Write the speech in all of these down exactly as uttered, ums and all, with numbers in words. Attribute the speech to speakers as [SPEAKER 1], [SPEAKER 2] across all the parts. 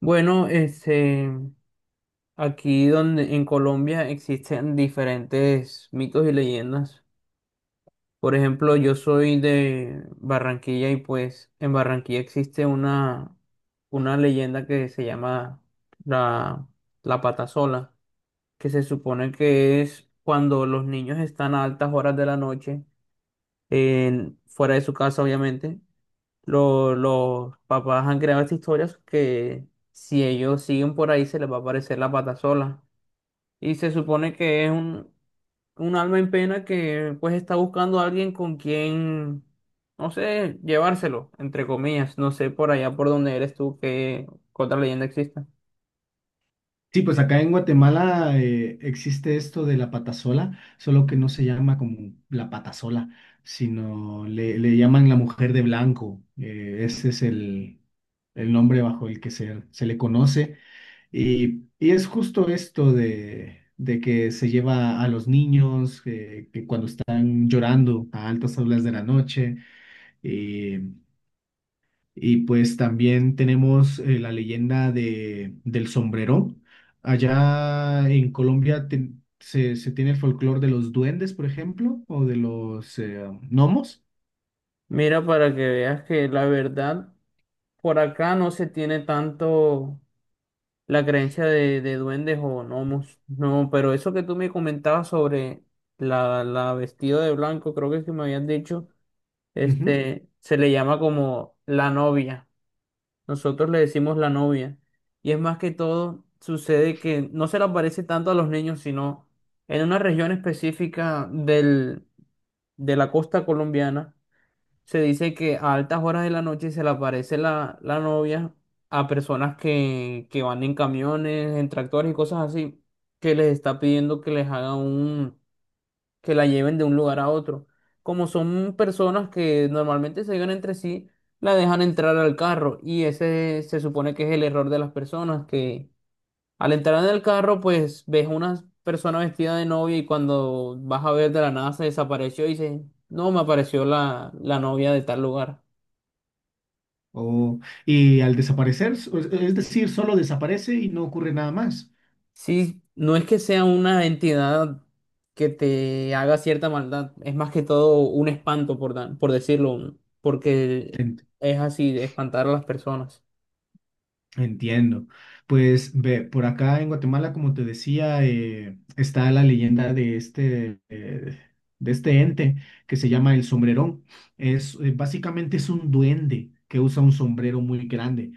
[SPEAKER 1] Bueno, este, aquí donde en Colombia existen diferentes mitos y leyendas. Por ejemplo, yo soy de Barranquilla y pues en Barranquilla existe una, una leyenda que se llama la, la pata sola, que se supone que es cuando los niños están a altas horas de la noche, en- fuera de su casa obviamente, lo- los papás han creado estas historias que si ellos siguen por ahí se les va a aparecer la pata sola. Y se supone que es un, un alma en pena que pues está buscando a alguien con quien, no sé, llevárselo, entre comillas. No sé por allá por donde eres tú que otra leyenda exista.
[SPEAKER 2] Sí, pues acá en Guatemala eh, existe esto de la patasola, solo que no se llama como la patasola, sino le, le llaman la mujer de blanco. Eh, ese es el, el nombre bajo el que se, se le conoce. Y, y es justo esto de, de que se lleva a los niños eh, que cuando están llorando a altas horas de la noche. Y pues también tenemos eh, la leyenda de, del sombrero. Allá en Colombia te- se, se tiene el folclore de los duendes, por ejemplo, o de los eh, gnomos.
[SPEAKER 1] Mira, para que veas que la verdad por acá no se tiene tanto la creencia de, de duendes o gnomos. No, pero eso que tú me comentabas sobre la, la vestida de blanco, creo que es que me habían dicho,
[SPEAKER 2] Ujú.
[SPEAKER 1] este, se le llama como la novia. Nosotros le decimos la novia. Y es más que todo, sucede que no se le aparece tanto a los niños, sino en una región específica del, de la costa colombiana se dice que a altas horas de la noche se le aparece la, la novia a personas que, que van en camiones, en tractores y cosas así, que les está pidiendo que les haga un, que la lleven de un lugar a otro. Como son personas que normalmente se llevan entre sí, la dejan entrar al carro y ese se supone que es el error de las personas, que al entrar en el carro pues ves una persona vestida de novia y cuando vas a ver de la nada se desapareció y dices, no, me apareció la, la novia de tal lugar.
[SPEAKER 2] O, y al desaparecer, es es decir, solo desaparece y no ocurre nada más.
[SPEAKER 1] Sí, no es que sea una entidad que te haga cierta maldad, es más que todo un espanto, por, da- por decirlo, un- porque es así, de espantar a las personas.
[SPEAKER 2] Entiendo. Pues ve, por acá en Guatemala, como te decía, eh, está la leyenda de este, eh, de este ente que se llama el sombrerón. Es, eh, básicamente es un duende que usa un sombrero muy grande.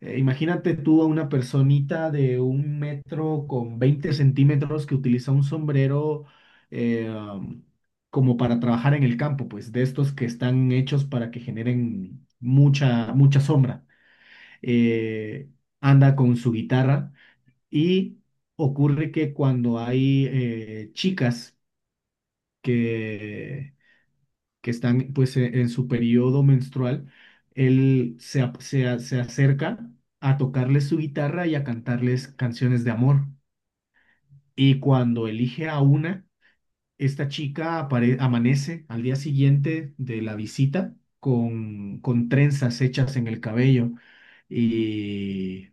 [SPEAKER 2] Eh, imagínate tú a una personita de un metro con veinte centímetros que utiliza un sombrero eh, um, como para trabajar en el campo, pues de estos que están hechos para que generen mucha, mucha sombra, eh, anda con su guitarra y ocurre que cuando hay eh, chicas que, que están pues e- en su periodo menstrual, él se, ap- se, a- se acerca a tocarles su guitarra y a cantarles canciones de amor. Y cuando elige a una, esta chica apare- amanece al día siguiente de la visita con, con trenzas hechas en el cabello. Y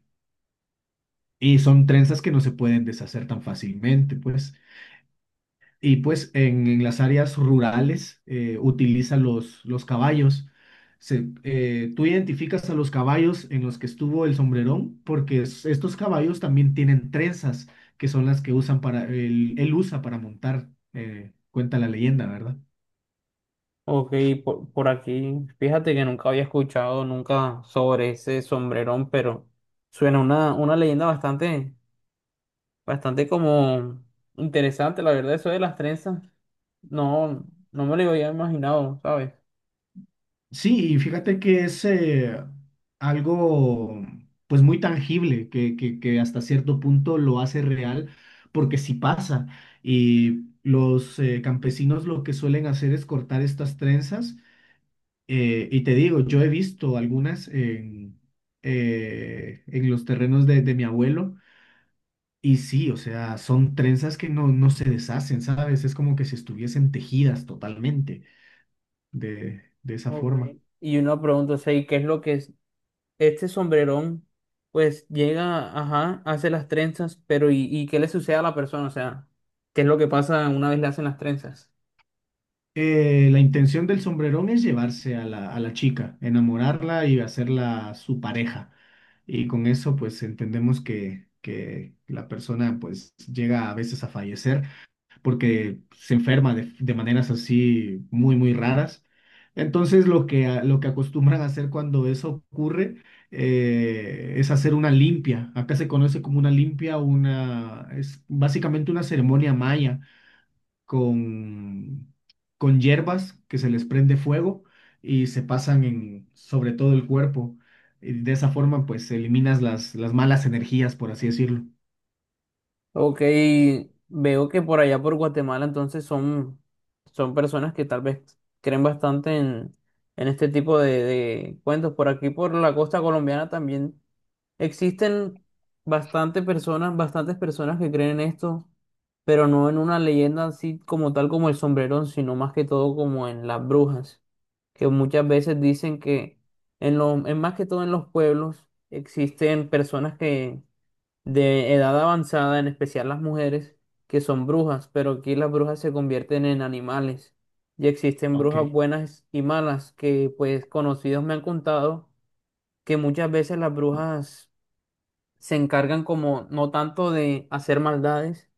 [SPEAKER 2] Y son trenzas que no se pueden deshacer tan fácilmente, pues. Y pues en, en las áreas rurales eh, utilizan los, los caballos. Se- eh, tú identificas a los caballos en los que estuvo el sombrerón, porque es- estos caballos también tienen trenzas, que son las que usan para, él, él usa para montar, eh, cuenta la leyenda, ¿verdad?
[SPEAKER 1] Ok, por, por aquí, fíjate que nunca había escuchado nunca sobre ese sombrerón, pero suena una, una leyenda bastante, bastante como interesante, la verdad, eso de las trenzas, no, no me lo había imaginado, ¿sabes?
[SPEAKER 2] Sí, y fíjate que es eh, algo pues muy tangible, que, que, que hasta cierto punto lo hace real, porque sí pasa. Y los eh, campesinos lo que suelen hacer es cortar estas trenzas. eh, y te digo, yo he visto algunas en, eh, en los terrenos de, de mi abuelo. Y sí, o sea, son trenzas que no, no se deshacen, ¿sabes? Es como que si estuviesen tejidas totalmente de, de esa
[SPEAKER 1] Ok.
[SPEAKER 2] forma.
[SPEAKER 1] Y una pregunta, o sea, ¿y qué es lo que este sombrerón, pues llega, ajá, hace las trenzas, pero ¿y, y qué le sucede a la persona? O sea, ¿qué es lo que pasa una vez le hacen las trenzas?
[SPEAKER 2] Eh, la intención del sombrerón es llevarse a la, a la chica, enamorarla y hacerla su pareja. Y con eso, pues entendemos que, que la persona pues llega a veces a fallecer porque se enferma de, de maneras así muy, muy raras. Entonces, lo que, a- lo que acostumbran a hacer cuando eso ocurre eh, es hacer una limpia. Acá se conoce como una limpia, una, es básicamente una ceremonia maya con, con hierbas que se les prende fuego y se pasan en, sobre todo el cuerpo. Y de esa forma, pues eliminas las, las malas energías, por así decirlo.
[SPEAKER 1] Ok, veo que por allá por Guatemala entonces son, son personas que tal vez creen bastante en, en este tipo de, de cuentos. Por aquí, por la costa colombiana también existen bastante personas, bastantes personas que creen en esto, pero no en una leyenda así como tal como el sombrerón, sino más que todo como en las brujas. Que muchas veces dicen que en lo, en más que todo en los pueblos existen personas que de edad avanzada, en especial las mujeres, que son brujas, pero aquí las brujas se convierten en animales. Y existen
[SPEAKER 2] Ok.
[SPEAKER 1] brujas buenas y malas, que pues conocidos me han contado que muchas veces las brujas se encargan como no tanto de hacer maldades,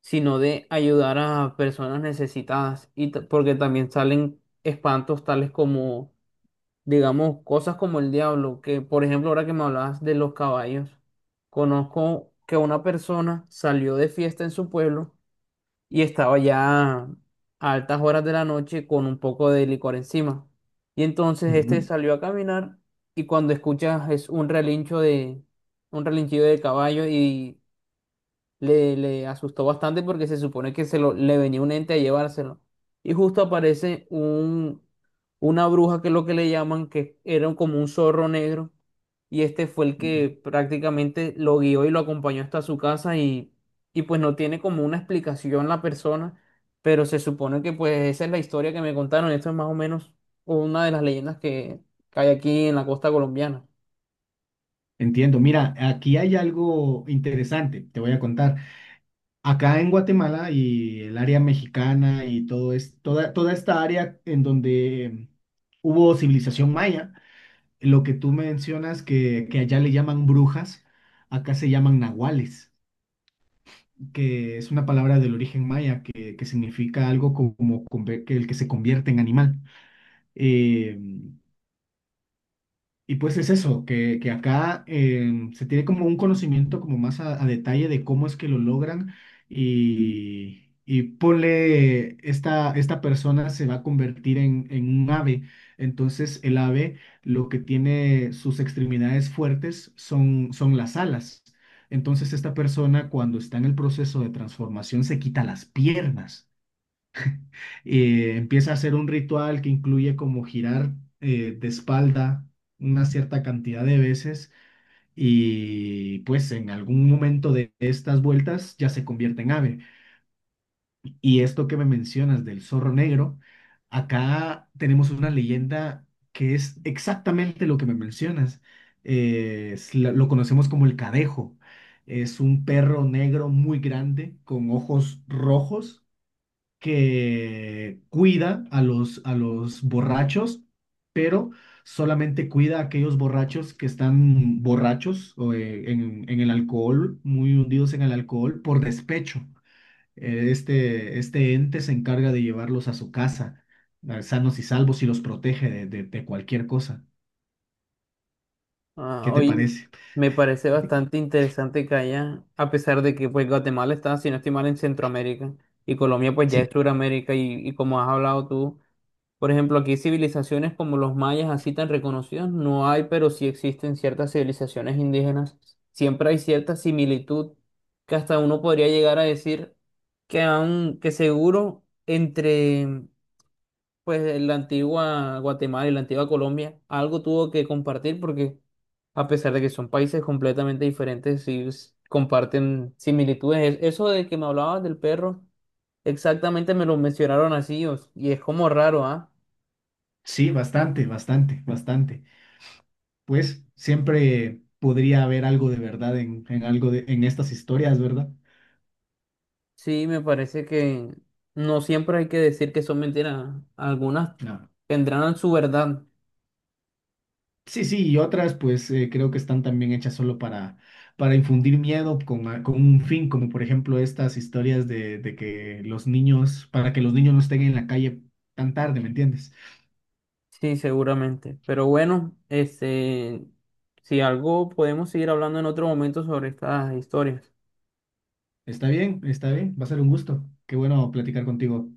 [SPEAKER 1] sino de ayudar a personas necesitadas, y t- porque también salen espantos tales como digamos, cosas como el diablo, que por ejemplo, ahora que me hablabas de los caballos, conozco que una persona salió de fiesta en su pueblo y estaba ya a altas horas de la noche con un poco de licor encima. Y entonces este
[SPEAKER 2] Ujú,
[SPEAKER 1] salió a caminar y cuando escuchas es un relincho de, un relinchido de caballo y le, le asustó bastante porque se supone que se lo, le venía un ente a llevárselo. Y justo aparece un, una bruja que es lo que le llaman, que era como un zorro negro. Y este fue el
[SPEAKER 2] ujú.
[SPEAKER 1] que prácticamente lo guió y lo acompañó hasta su casa y, y pues no tiene como una explicación la persona, pero se supone que pues esa es la historia que me contaron. Esto es más o menos una de las leyendas que, que hay aquí en la costa colombiana.
[SPEAKER 2] Entiendo. Mira, aquí hay algo interesante, te voy a contar. Acá en Guatemala y el área mexicana y todo es, toda, toda esta área en donde hubo civilización maya, lo que tú mencionas que, que allá le llaman brujas, acá se llaman nahuales, que es una palabra del origen maya que, que significa algo como, como conver- que el que se convierte en animal. Eh, y pues es eso, que, que acá em, se tiene como un conocimiento como más a, a detalle de cómo es que lo logran y, y ponle, esta, esta persona se va a convertir en, en un ave. Entonces el ave lo que tiene sus extremidades fuertes son, son las alas. Entonces esta persona cuando está en el proceso de transformación se quita las piernas, eh, empieza a hacer un ritual que incluye como girar eh, de espalda una cierta cantidad de veces, y pues en algún momento de estas vueltas ya se convierte en ave. Y esto que me mencionas del zorro negro, acá tenemos una leyenda que es exactamente lo que me mencionas. Eh, es la- lo conocemos como el cadejo. Es un perro negro muy grande con ojos rojos que cuida a los, a los borrachos, pero solamente cuida a aquellos borrachos que están borrachos o, eh, en, en el alcohol, muy hundidos en el alcohol, por despecho. Eh, Este, este ente se encarga de llevarlos a su casa, eh, sanos y salvos, y los protege de, de, de cualquier cosa.
[SPEAKER 1] Ah,
[SPEAKER 2] ¿Qué te
[SPEAKER 1] oye,
[SPEAKER 2] parece?
[SPEAKER 1] me parece bastante interesante que haya, a pesar de que pues Guatemala está, si no estoy mal, en Centroamérica y Colombia pues ya
[SPEAKER 2] Sí,
[SPEAKER 1] es Suramérica y, y como has hablado tú, por ejemplo, aquí civilizaciones como los mayas así tan reconocidas no hay, pero sí existen ciertas civilizaciones indígenas. Siempre hay cierta similitud que hasta uno podría llegar a decir que, han, que seguro entre pues la antigua Guatemala y la antigua Colombia algo tuvo que compartir porque a pesar de que son países completamente diferentes, sí s- comparten similitudes. Es- Eso de que me hablabas del perro, exactamente me lo mencionaron así o s- y es como raro, ¿ah?
[SPEAKER 2] sí, bastante, bastante, bastante. Pues siempre podría haber algo de verdad en, en algo de, en estas historias, ¿verdad?
[SPEAKER 1] Sí, me parece que no siempre hay que decir que son mentiras, algunas
[SPEAKER 2] No.
[SPEAKER 1] tendrán su verdad.
[SPEAKER 2] Sí, sí, y otras pues eh, creo que están también hechas solo para, para infundir miedo con, a- con un fin, como por ejemplo estas historias de, de que los niños, para que los niños no estén en la calle tan tarde, ¿me entiendes?
[SPEAKER 1] Sí, seguramente. Pero bueno, este, si algo podemos seguir hablando en otro momento sobre estas historias.
[SPEAKER 2] Está bien, está bien, va a ser un gusto. Qué bueno platicar contigo.